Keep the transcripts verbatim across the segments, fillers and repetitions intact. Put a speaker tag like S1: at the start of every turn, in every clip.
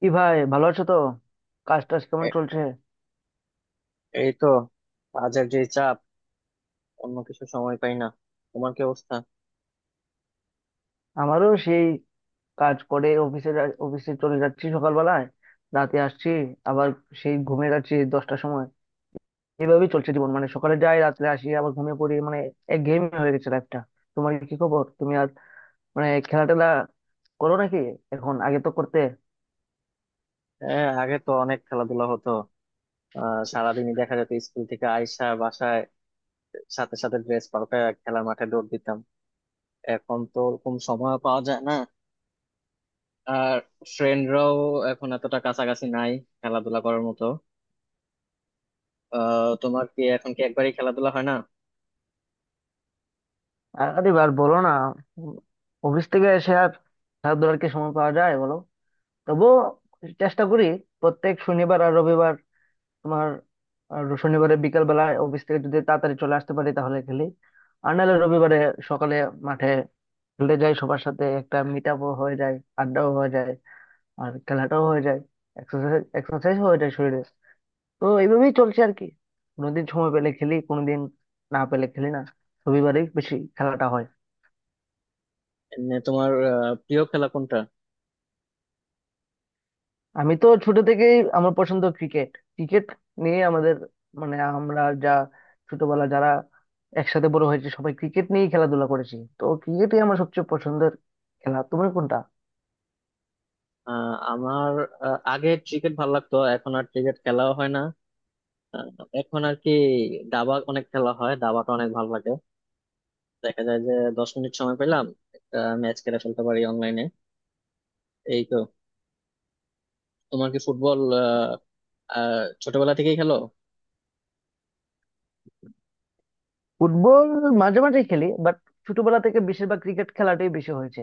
S1: কি ভাই, ভালো আছো তো? কাজ টাজ কেমন
S2: এ-
S1: চলছে?
S2: এই তো। কাজের যে চাপ, অন্য কিছু সময় পাই না। তোমার কি অবস্থা?
S1: আমারও সেই, কাজ করে অফিসে যা- অফিসে চলে যাচ্ছি সকালবেলায়, রাতে আসছি, আবার সেই ঘুমিয়ে যাচ্ছি দশটার সময়। এভাবেই চলছে জীবন, মানে সকালে যাই, রাত্রে আসি, আবার ঘুমিয়ে পড়ি, মানে একঘেয়েমি হয়ে গেছে লাইফটা। তোমার কি খবর? তুমি আর মানে খেলা টেলা করো নাকি এখন? আগে তো করতে।
S2: হ্যাঁ, আগে তো অনেক খেলাধুলা হতো। আহ সারাদিনই দেখা যেত স্কুল থেকে আইসা বাসায় সাথে সাথে ড্রেস পাল্টায় খেলার মাঠে দৌড় দিতাম। এখন তো ওরকম সময় পাওয়া যায় না। আর ফ্রেন্ডরাও এখন এতটা কাছাকাছি নাই খেলাধুলা করার মতো। আহ তোমার কি এখন কি একবারই খেলাধুলা হয় না?
S1: আর- আরে আর বলো না, অফিস থেকে এসে আর খেলাধুলার কি সময় পাওয়া যায় বলো? তবুও চেষ্টা করি প্রত্যেক শনিবার আর রবিবার। তোমার আহ, শনিবারে বিকাল বেলা অফিস থেকে যদি তাড়াতাড়ি চলে আসতে পারি তাহলে খেলি, আর নাহলে রবিবারে সকালে মাঠে খেলতে যাই সবার সাথে। একটা মিট আপও হয়ে যায়, আড্ডাও হয়ে যায়, আর খেলাটাও হয়ে যায়, এক্সারসাইজ এক্সারসাইজ হয়ে যায় শরীরে। তো এইভাবেই চলছে আর কি, কোনোদিন সময় পেলে খেলি, কোনোদিন না পেলে খেলি না, রবিবারেই বেশি খেলাটা হয়।
S2: এমনি তোমার আহ, প্রিয় খেলা কোনটা?
S1: আমি তো ছোট থেকেই আমার পছন্দ ক্রিকেট। ক্রিকেট নিয়ে আমাদের মানে আমরা যা, ছোটবেলা যারা একসাথে বড় হয়েছে সবাই ক্রিকেট নিয়েই খেলাধুলা করেছি, তো ক্রিকেটই আমার সবচেয়ে পছন্দের খেলা। তুমি কোনটা?
S2: আহ আমার আহ, আগে ক্রিকেট ভালো লাগতো, এখন আর ক্রিকেট খেলাও হয় না। আহ, এখন আর কি দাবা অনেক খেলা হয়, দাবাটা অনেক ভালো লাগে। দেখা যায় যে দশ মিনিট সময় পেলাম একটা ম্যাচ খেলে ফেলতে পারি অনলাইনে। এই তো। তোমার কি ফুটবল আহ, আহ, ছোটবেলা থেকেই খেলো?
S1: ফুটবল মাঝে মাঝে খেলি, বাট ছোটবেলা থেকে বেশিরভাগ ক্রিকেট খেলাটাই বেশি হয়েছে,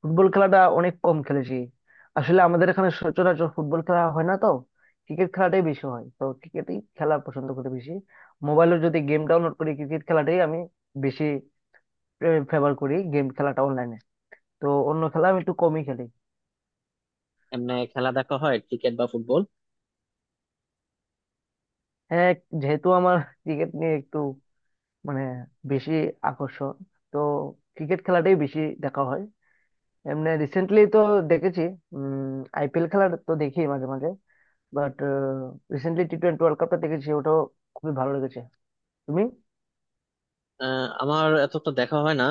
S1: ফুটবল খেলাটা অনেক কম খেলেছি। আসলে আমাদের এখানে সচরাচর ফুটবল খেলা হয় না তো, ক্রিকেট খেলাটাই বেশি হয়, তো ক্রিকেটই খেলা পছন্দ করি বেশি। মোবাইলে যদি গেম ডাউনলোড করি, ক্রিকেট খেলাটাই আমি বেশি ফেভার করি, গেম খেলাটা অনলাইনে। তো অন্য খেলা আমি একটু কমই খেলি।
S2: এমনি খেলা দেখা হয় ক্রিকেট বা ফুটবল?
S1: হ্যাঁ, যেহেতু আমার ক্রিকেট নিয়ে একটু মানে বেশি আকর্ষণ, তো ক্রিকেট খেলাটাই বেশি দেখা হয়। এমনি রিসেন্টলি তো দেখেছি, উম আই পি এল খেলা তো দেখি মাঝে মাঝে, but recently T twenty world কাপটা দেখেছি, ওটাও খুবই ভালো লেগেছে। তুমি?
S2: আহ, আমার এত তো দেখা হয় না।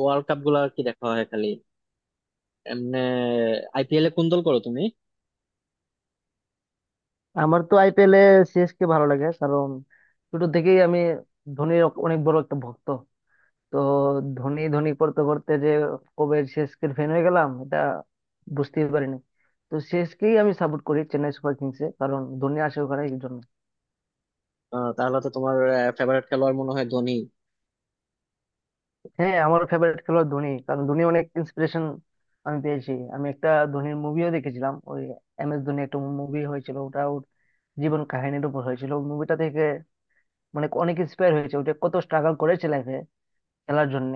S2: ওয়ার্ল্ড কাপ গুলো আর কি দেখা হয় খালি। এমনি আইপিএল এ কোন দল করো তুমি?
S1: আমার তো I P L A C S K ভালো লাগে, কারণ ছোট থেকেই আমি ধোনির অনেক বড় একটা ভক্ত। তো ধোনি ধোনি করতে করতে যে কবে সি এস কে-র ফ্যান হয়ে গেলাম এটা বুঝতেই পারিনি। তো সি এস কে-ই আমি সাপোর্ট করি, চেন্নাই সুপার কিংস এ, কারণ ধোনি আসে ওখানে, এই জন্য।
S2: আহ, তাহলে তো তোমার ফেভারিট খেলোয়াড় মনে হয় ধোনি?
S1: হ্যাঁ, আমার ফেভারিট খেলোয়াড় ধোনি, কারণ ধোনি অনেক ইন্সপিরেশন আমি পেয়েছি। আমি একটা ধোনির মুভিও দেখেছিলাম, ওই এম এস ধোনি একটা মুভি হয়েছিল, ওটা ওর জীবন কাহিনীর উপর হয়েছিল। মুভিটা থেকে মানে অনেক ইন্সপায়ার হয়েছে, ওটা কত স্ট্রাগল করেছে লাইফে খেলার জন্য,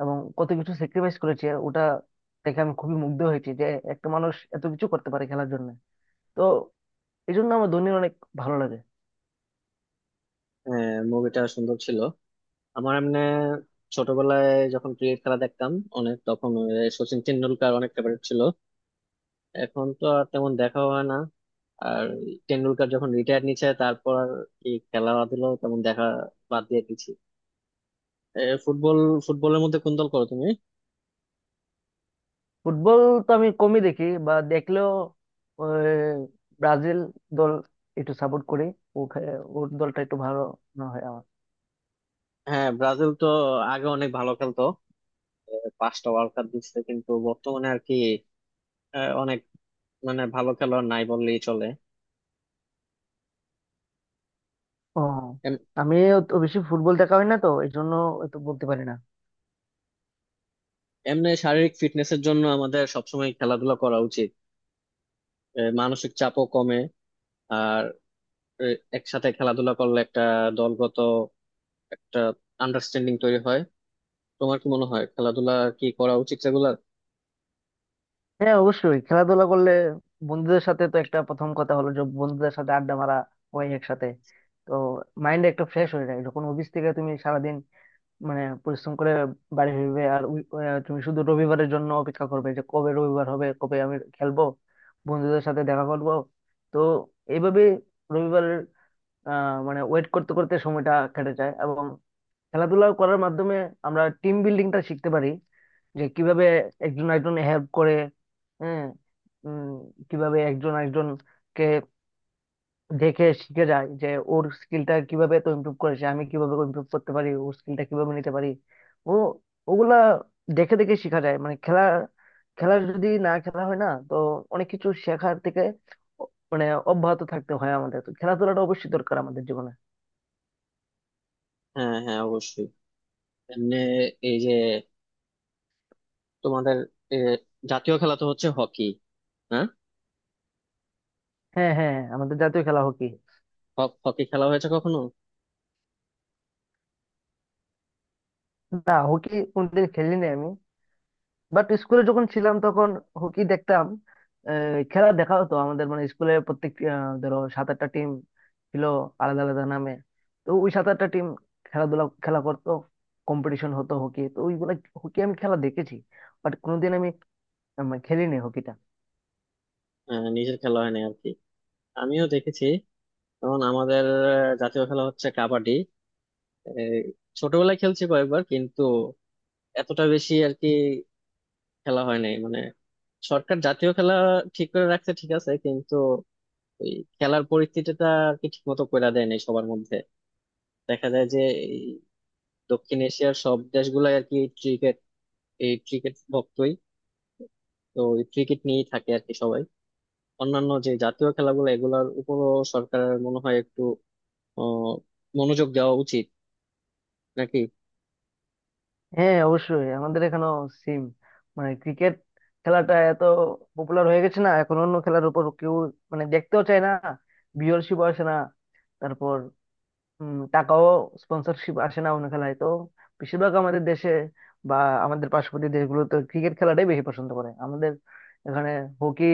S1: এবং কত কিছু স্যাক্রিফাইস করেছে। ওটা দেখে আমি খুবই মুগ্ধ হয়েছি যে একটা মানুষ এত কিছু করতে পারে খেলার জন্য। তো এই জন্য আমার ধোনির অনেক ভালো লাগে।
S2: আহ মুভিটা সুন্দর ছিল। আমার এমনি ছোটবেলায় যখন ক্রিকেট খেলা দেখতাম অনেক, তখন ওই সচিন টেন্ডুলকার অনেক ফেভারিট ছিল। এখন তো আর তেমন দেখা হয় না। আর টেন্ডুলকার যখন রিটায়ার নিচ্ছে তারপর আর কি খেলাধুলো তেমন দেখা বাদ দিয়ে দিচ্ছি। এ, ফুটবল, ফুটবলের মধ্যে কোন দল করো তুমি?
S1: ফুটবল তো আমি কমই দেখি, বা দেখলেও ওই ব্রাজিল দল একটু সাপোর্ট করি। ও খে- ওর দলটা একটু ভালো না হয় আমার।
S2: হ্যাঁ, ব্রাজিল তো আগে অনেক ভালো খেলতো। এ, পাঁচটা ওয়ার্ল্ড কাপ জিতছে, কিন্তু বর্তমানে আর কি এ, অনেক মানে ভালো খেলোয়াড় নাই বললেই চলে।
S1: ও,
S2: এম-
S1: আমি অত বেশি ফুটবল দেখা হয় না তো এই জন্য, তো বলতে পারি না।
S2: এমনি শারীরিক ফিটনেসের জন্য আমাদের সবসময় খেলাধুলা করা উচিত। এ, মানসিক চাপও কমে। আর এ, একসাথে খেলাধুলা করলে একটা দলগত একটা আন্ডারস্ট্যান্ডিং তৈরি হয়। তোমার কি মনে হয় খেলাধুলা কি করা উচিত রেগুলার?
S1: হ্যাঁ অবশ্যই, খেলাধুলা করলে বন্ধুদের সাথে, তো একটা প্রথম কথা হলো যে বন্ধুদের সাথে আড্ডা মারা হয় একসাথে। তো মাইন্ড একটা ফ্রেশ হয়ে যায়, যখন অফিস থেকে তুমি সারাদিন মানে পরিশ্রম করে বাড়ি ফিরবে আর উই- আহ, তুমি শুধু রবিবারের জন্য অপেক্ষা করবে যে কবে রবিবার হবে, কবে আমি খেলবো, বন্ধুদের সাথে দেখা করবো। তো এইভাবে রবিবারের আহ মানে ওয়েট করতে করতে সময়টা কেটে যায়। এবং খেলাধুলা করার মাধ্যমে আমরা টিম বিল্ডিংটা শিখতে পারি, যে কিভাবে একজন একজন হেল্প করে। হ্যাঁ, উম, কিভাবে একজন একজনকে দেখে শিখে যায় যে ওর স্কিলটা কিভাবে তো ইমপ্রুভ করেছে, আমি কিভাবে ইমপ্রুভ করতে পারি, ওর স্কিলটা কিভাবে নিতে পারি, ও ওগুলা দেখে দেখে শেখা যায় মানে। খেলা, খেলা যদি না খেলা হয় না তো অনেক কিছু শেখার থেকে অ- মানে অব্যাহত থাকতে হয় আমাদের। তো খেলাধুলাটা অবশ্যই দরকার আমাদের জীবনে।
S2: হ্যাঁ, হ্যাঁ, অবশ্যই। এমনি এই যে তোমাদের এ, জাতীয় খেলা তো হচ্ছে হকি। হ্যাঁ।
S1: হ্যাঁ, হ্যাঁ, হ্যাঁ, আমাদের জাতীয় খেলা হকি।
S2: হ- হকি খেলা হয়েছে কখনো?
S1: না, হকি কোনদিন খেলিনি আমি, বাট স্কুলে যখন ছিলাম তখন হকি দেখতাম। আহ, খেলা দেখা হতো আমাদের মানে স্কুলে প্রত্যেক আহ, ধরো সাত আটটা টিম ছিল আলাদা আলাদা নামে। তো ওই সাত আটটা টিম খেলাধুলা খেলা করতো, কম্পিটিশন হতো হকি, তো ওইগুলা হকি আমি খেলা দেখেছি, বাট কোনোদিন আমি আহ, মানে খেলিনি হকিটা।
S2: হ্যাঁ, নিজের খেলা হয়নি আর কি। আমিও দেখেছি, কারণ আমাদের আহ, জাতীয় খেলা হচ্ছে কাবাডি। এই, ছোটবেলায় খেলছি কয়েকবার কিন্তু এতটা বেশি আর কি খেলা হয় নাই মানে। সরকার জাতীয় খেলা ঠিক করে রাখছে ঠিক আছে, কিন্তু ওই খেলার পরিস্থিতিটা আর কি ঠিক মতো করে দেয় নাই সবার মধ্যে। দেখা যায় যে এই দক্ষিণ এশিয়ার সব দেশগুলাই আর কি ক্রিকেট, এই ক্রিকেট ভক্তই। তো এই ক্রিকেট নিয়েই থাকে আর কি সবাই। অন্যান্য যে জাতীয় খেলাগুলো এগুলার উপরও সরকারের মনে হয় একটু আহ মনোযোগ দেওয়া উচিত, নাকি?
S1: হ্যাঁ অবশ্যই, আমাদের এখানেও সিম মানে ক্রিকেট খেলাটা এত পপুলার হয়ে গেছে না, এখন অন্য খেলার উপর কেউ মানে দেখতেও চায় না, ভিউয়ারশিপ আসে না, তারপর উম, টাকাও, স্পন্সরশিপ আসে না অন্য খেলায়। তো বেশিরভাগ আমাদের দেশে বা আমাদের পার্শ্ববর্তী দেশগুলোতে ক্রিকেট খেলাটাই বেশি পছন্দ করে। আমাদের এখানে হকি,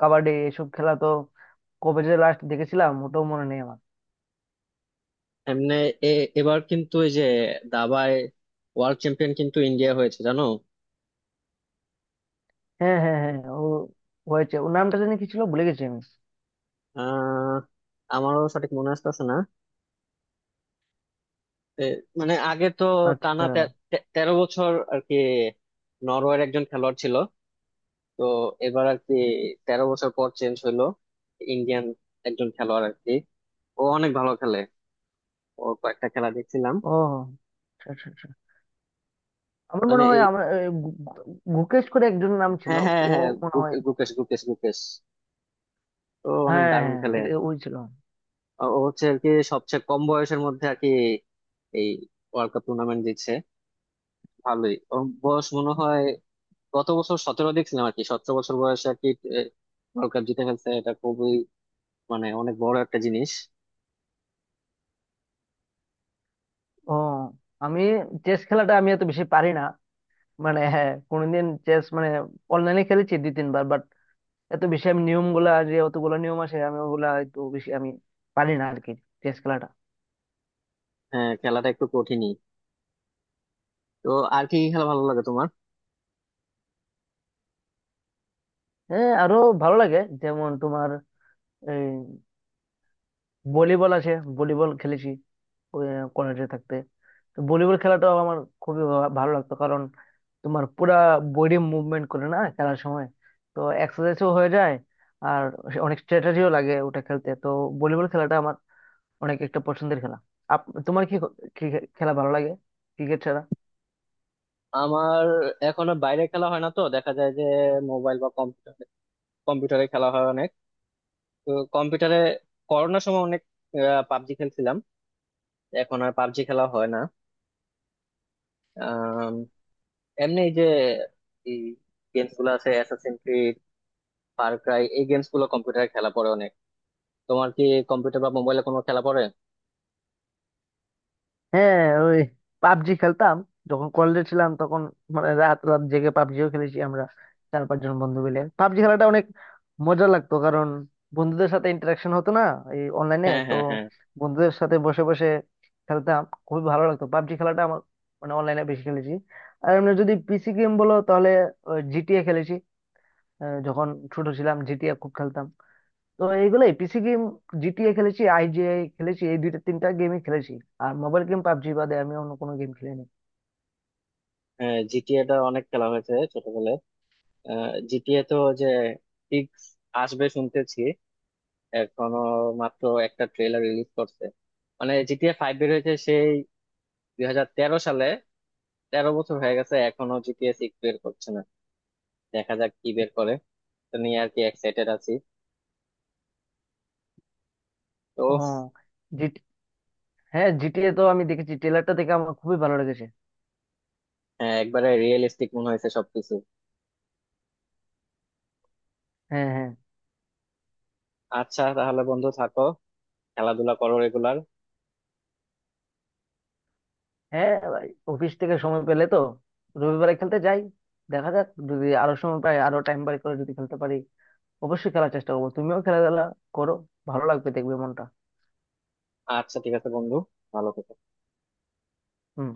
S1: কাবাডি এসব খেলা তো কবে যে লাস্ট দেখেছিলাম ওটাও মনে নেই আমার।
S2: এমনি এ এবার কিন্তু এই যে দাবায় ওয়ার্ল্ড চ্যাম্পিয়ন কিন্তু ইন্ডিয়া হয়েছে জানো?
S1: হ্যাঁ, হ্যাঁ, হ্যাঁ, ও হয়েছে, ওর নামটা জানি কি ছিল, ভুলে গেছি আমি।
S2: আহ আমারও সঠিক মনে আসতেছে না। এ, মানে আগে তো টানা
S1: আচ্ছা,
S2: তে- তে- তেরো বছর আর কি নরওয়ের একজন খেলোয়াড় ছিল। তো এবার আর কি তেরো বছর পর চেঞ্জ হইলো, ইন্ডিয়ান একজন খেলোয়াড় আর কি। ও অনেক ভালো খেলে, ওর কয়েকটা খেলা দেখছিলাম।
S1: ও আচ্ছা, আচ্ছা, আচ্ছা। আমার
S2: মানে
S1: মনে হয়
S2: এই
S1: আমার এ, গু- গু- গুকেশ করে একজন নাম ছিল,
S2: হ্যাঁ, হ্যাঁ,
S1: ও
S2: হ্যাঁ,
S1: মনে হয়।
S2: গু- গুকেশ, গুকেশ, গুকেশ। তো অনেক
S1: হ্যাঁ,
S2: দারুণ
S1: হ্যাঁ,
S2: খেলে।
S1: এটা ওই ছিল।
S2: ও ও হচ্ছে আর কি সবচেয়ে কম বয়সের মধ্যে আর কি এই ওয়ার্ল্ড কাপ টুর্নামেন্ট জিতছে। ভালোই, ওর বয়স মনে হয় গত বছর সতেরো দেখছিলাম আর কি। সতেরো বছর বয়সে আর কি এ, ওয়ার্ল্ড কাপ জিতে ফেলছে। এটা খুবই মানে অনেক বড় একটা জিনিস।
S1: ও, আমি চেস খেলাটা আমি এত বেশি পারি না মানে। হ্যাঁ, কোনদিন চেস মানে অনলাইনে খেলেছি দুই তিনবার, বাট এত বেশি আমি নিয়ম গুলা, যে অতগুলো নিয়ম আছে আমি ওগুলা একটু বেশি আমি পারি না আর কি চেস খেলাটা।
S2: হ্যাঁ, খেলাটা একটু কঠিনই। তো আর কি কি খেলা ভালো লাগে তোমার?
S1: হ্যাঁ আরো ভালো লাগে, যেমন তোমার এই ভলিবল আছে, ভলিবল খেলেছি কলেজে থাকতে। তো ভলিবল খেলাটাও আমার খুবই ভা- ভালো লাগতো, কারণ তোমার পুরা বডি মুভমেন্ট করে না খেলার সময়, তো এক্সারসাইজও হয়ে যায়, আর অনেক স্ট্র্যাটেজিও লাগে ওটা খেলতে। তো ভলিবল খেলাটা আমার অনেক একটা পছন্দের খেলা। আপ, তোমার কি কি খেলা ভালো লাগে ক্রিকেট ছাড়া?
S2: আমার এখনো বাইরে খেলা হয় না তো, দেখা যায় যে মোবাইল বা কম্পিউটারে কম্পিউটারে খেলা হয় অনেক। তো কম্পিউটারে করোনার সময় অনেক পাবজি খেলছিলাম, এখন আর পাবজি খেলা হয় না। আম, এমনি এই যে এই গেমস গুলো আছে অ্যাসাসিন ক্রিড, ফার ক্রাই, এই গেমস গুলো কম্পিউটারে খেলা পড়ে অনেক। তোমার কি কম্পিউটার বা মোবাইলে কোনো খেলা পড়ে?
S1: হ্যাঁ, ওই পাবজি খেলতাম যখন কলেজে ছিলাম তখন, মানে রাত রাত জেগে পাবজিও খেলেছি আমরা চার পাঁচজন বন্ধু মিলে। পাবজি খেলাটা অনেক মজা লাগতো, কারণ বন্ধুদের সাথে ইন্টারাকশন হতো না এই অনলাইনে
S2: হ্যাঁ,
S1: তো,
S2: হ্যাঁ, হ্যাঁ।
S1: বন্ধুদের সাথে বসে বসে খেলতাম, খুবই ভালো লাগতো পাবজি খেলাটা আমার। মানে অনলাইনে বেশি খেলেছি। আর এমনি যদি পি সি গেম বলো, তাহলে জি টি এ খেলেছি। আহ, যখন ছোট ছিলাম জি টি এ খুব খেলতাম। তো এইগুলোই পি সি গেম, জি টি এ খেলেছি, আই জি আই খেলেছি, এই দুইটা তিনটা গেমই খেলেছি। আর মোবাইল গেম পাবজি বাদে আমি অন্য কোনো গেম খেলিনি।
S2: হ্যাঁ, জিটিএ টা অনেক খেলা হয়েছে ছোটবেলায়। জিটিএ তো যে সিক্স আসবে শুনতেছি এখনো, মাত্র একটা ট্রেলার রিলিজ করছে। মানে জিটিএ ফাইভ বের হয়েছে সেই দুই হাজার তেরো সালে, তেরো বছর হয়ে গেছে, এখনো জিটিএ সিক্স বের করছে না। দেখা যাক কি বের করে। তো নিয়ে আর কি এক্সাইটেড আছি তো।
S1: ও, জিটি হ্যাঁ, জি টি এ তো আমি দেখেছি, ট্রেলারটা দেখে আমার খুবই ভালো লেগেছে।
S2: হ্যাঁ, একবারে রিয়েলিস্টিক মনে হয়েছে সবকিছু।
S1: হ্যাঁ, হ্যাঁ।
S2: আচ্ছা তাহলে বন্ধু থাকো, খেলাধুলা করো রেগুলার।
S1: হ্যাঁ ভাই, অফিস থেকে সময় পেলে তো রবিবারে খেলতে যাই। দেখা যাক, যদি আরো সময় পাই আরো টাইম বাই করে যদি খেলতে পারি, অবশ্যই খেলার চেষ্টা করবো। তুমিও খেলাধুলা করো, ভালো লাগবে দেখবে মনটা।
S2: আচ্ছা ঠিক আছে বন্ধু, ভালো থেকো।
S1: হুম।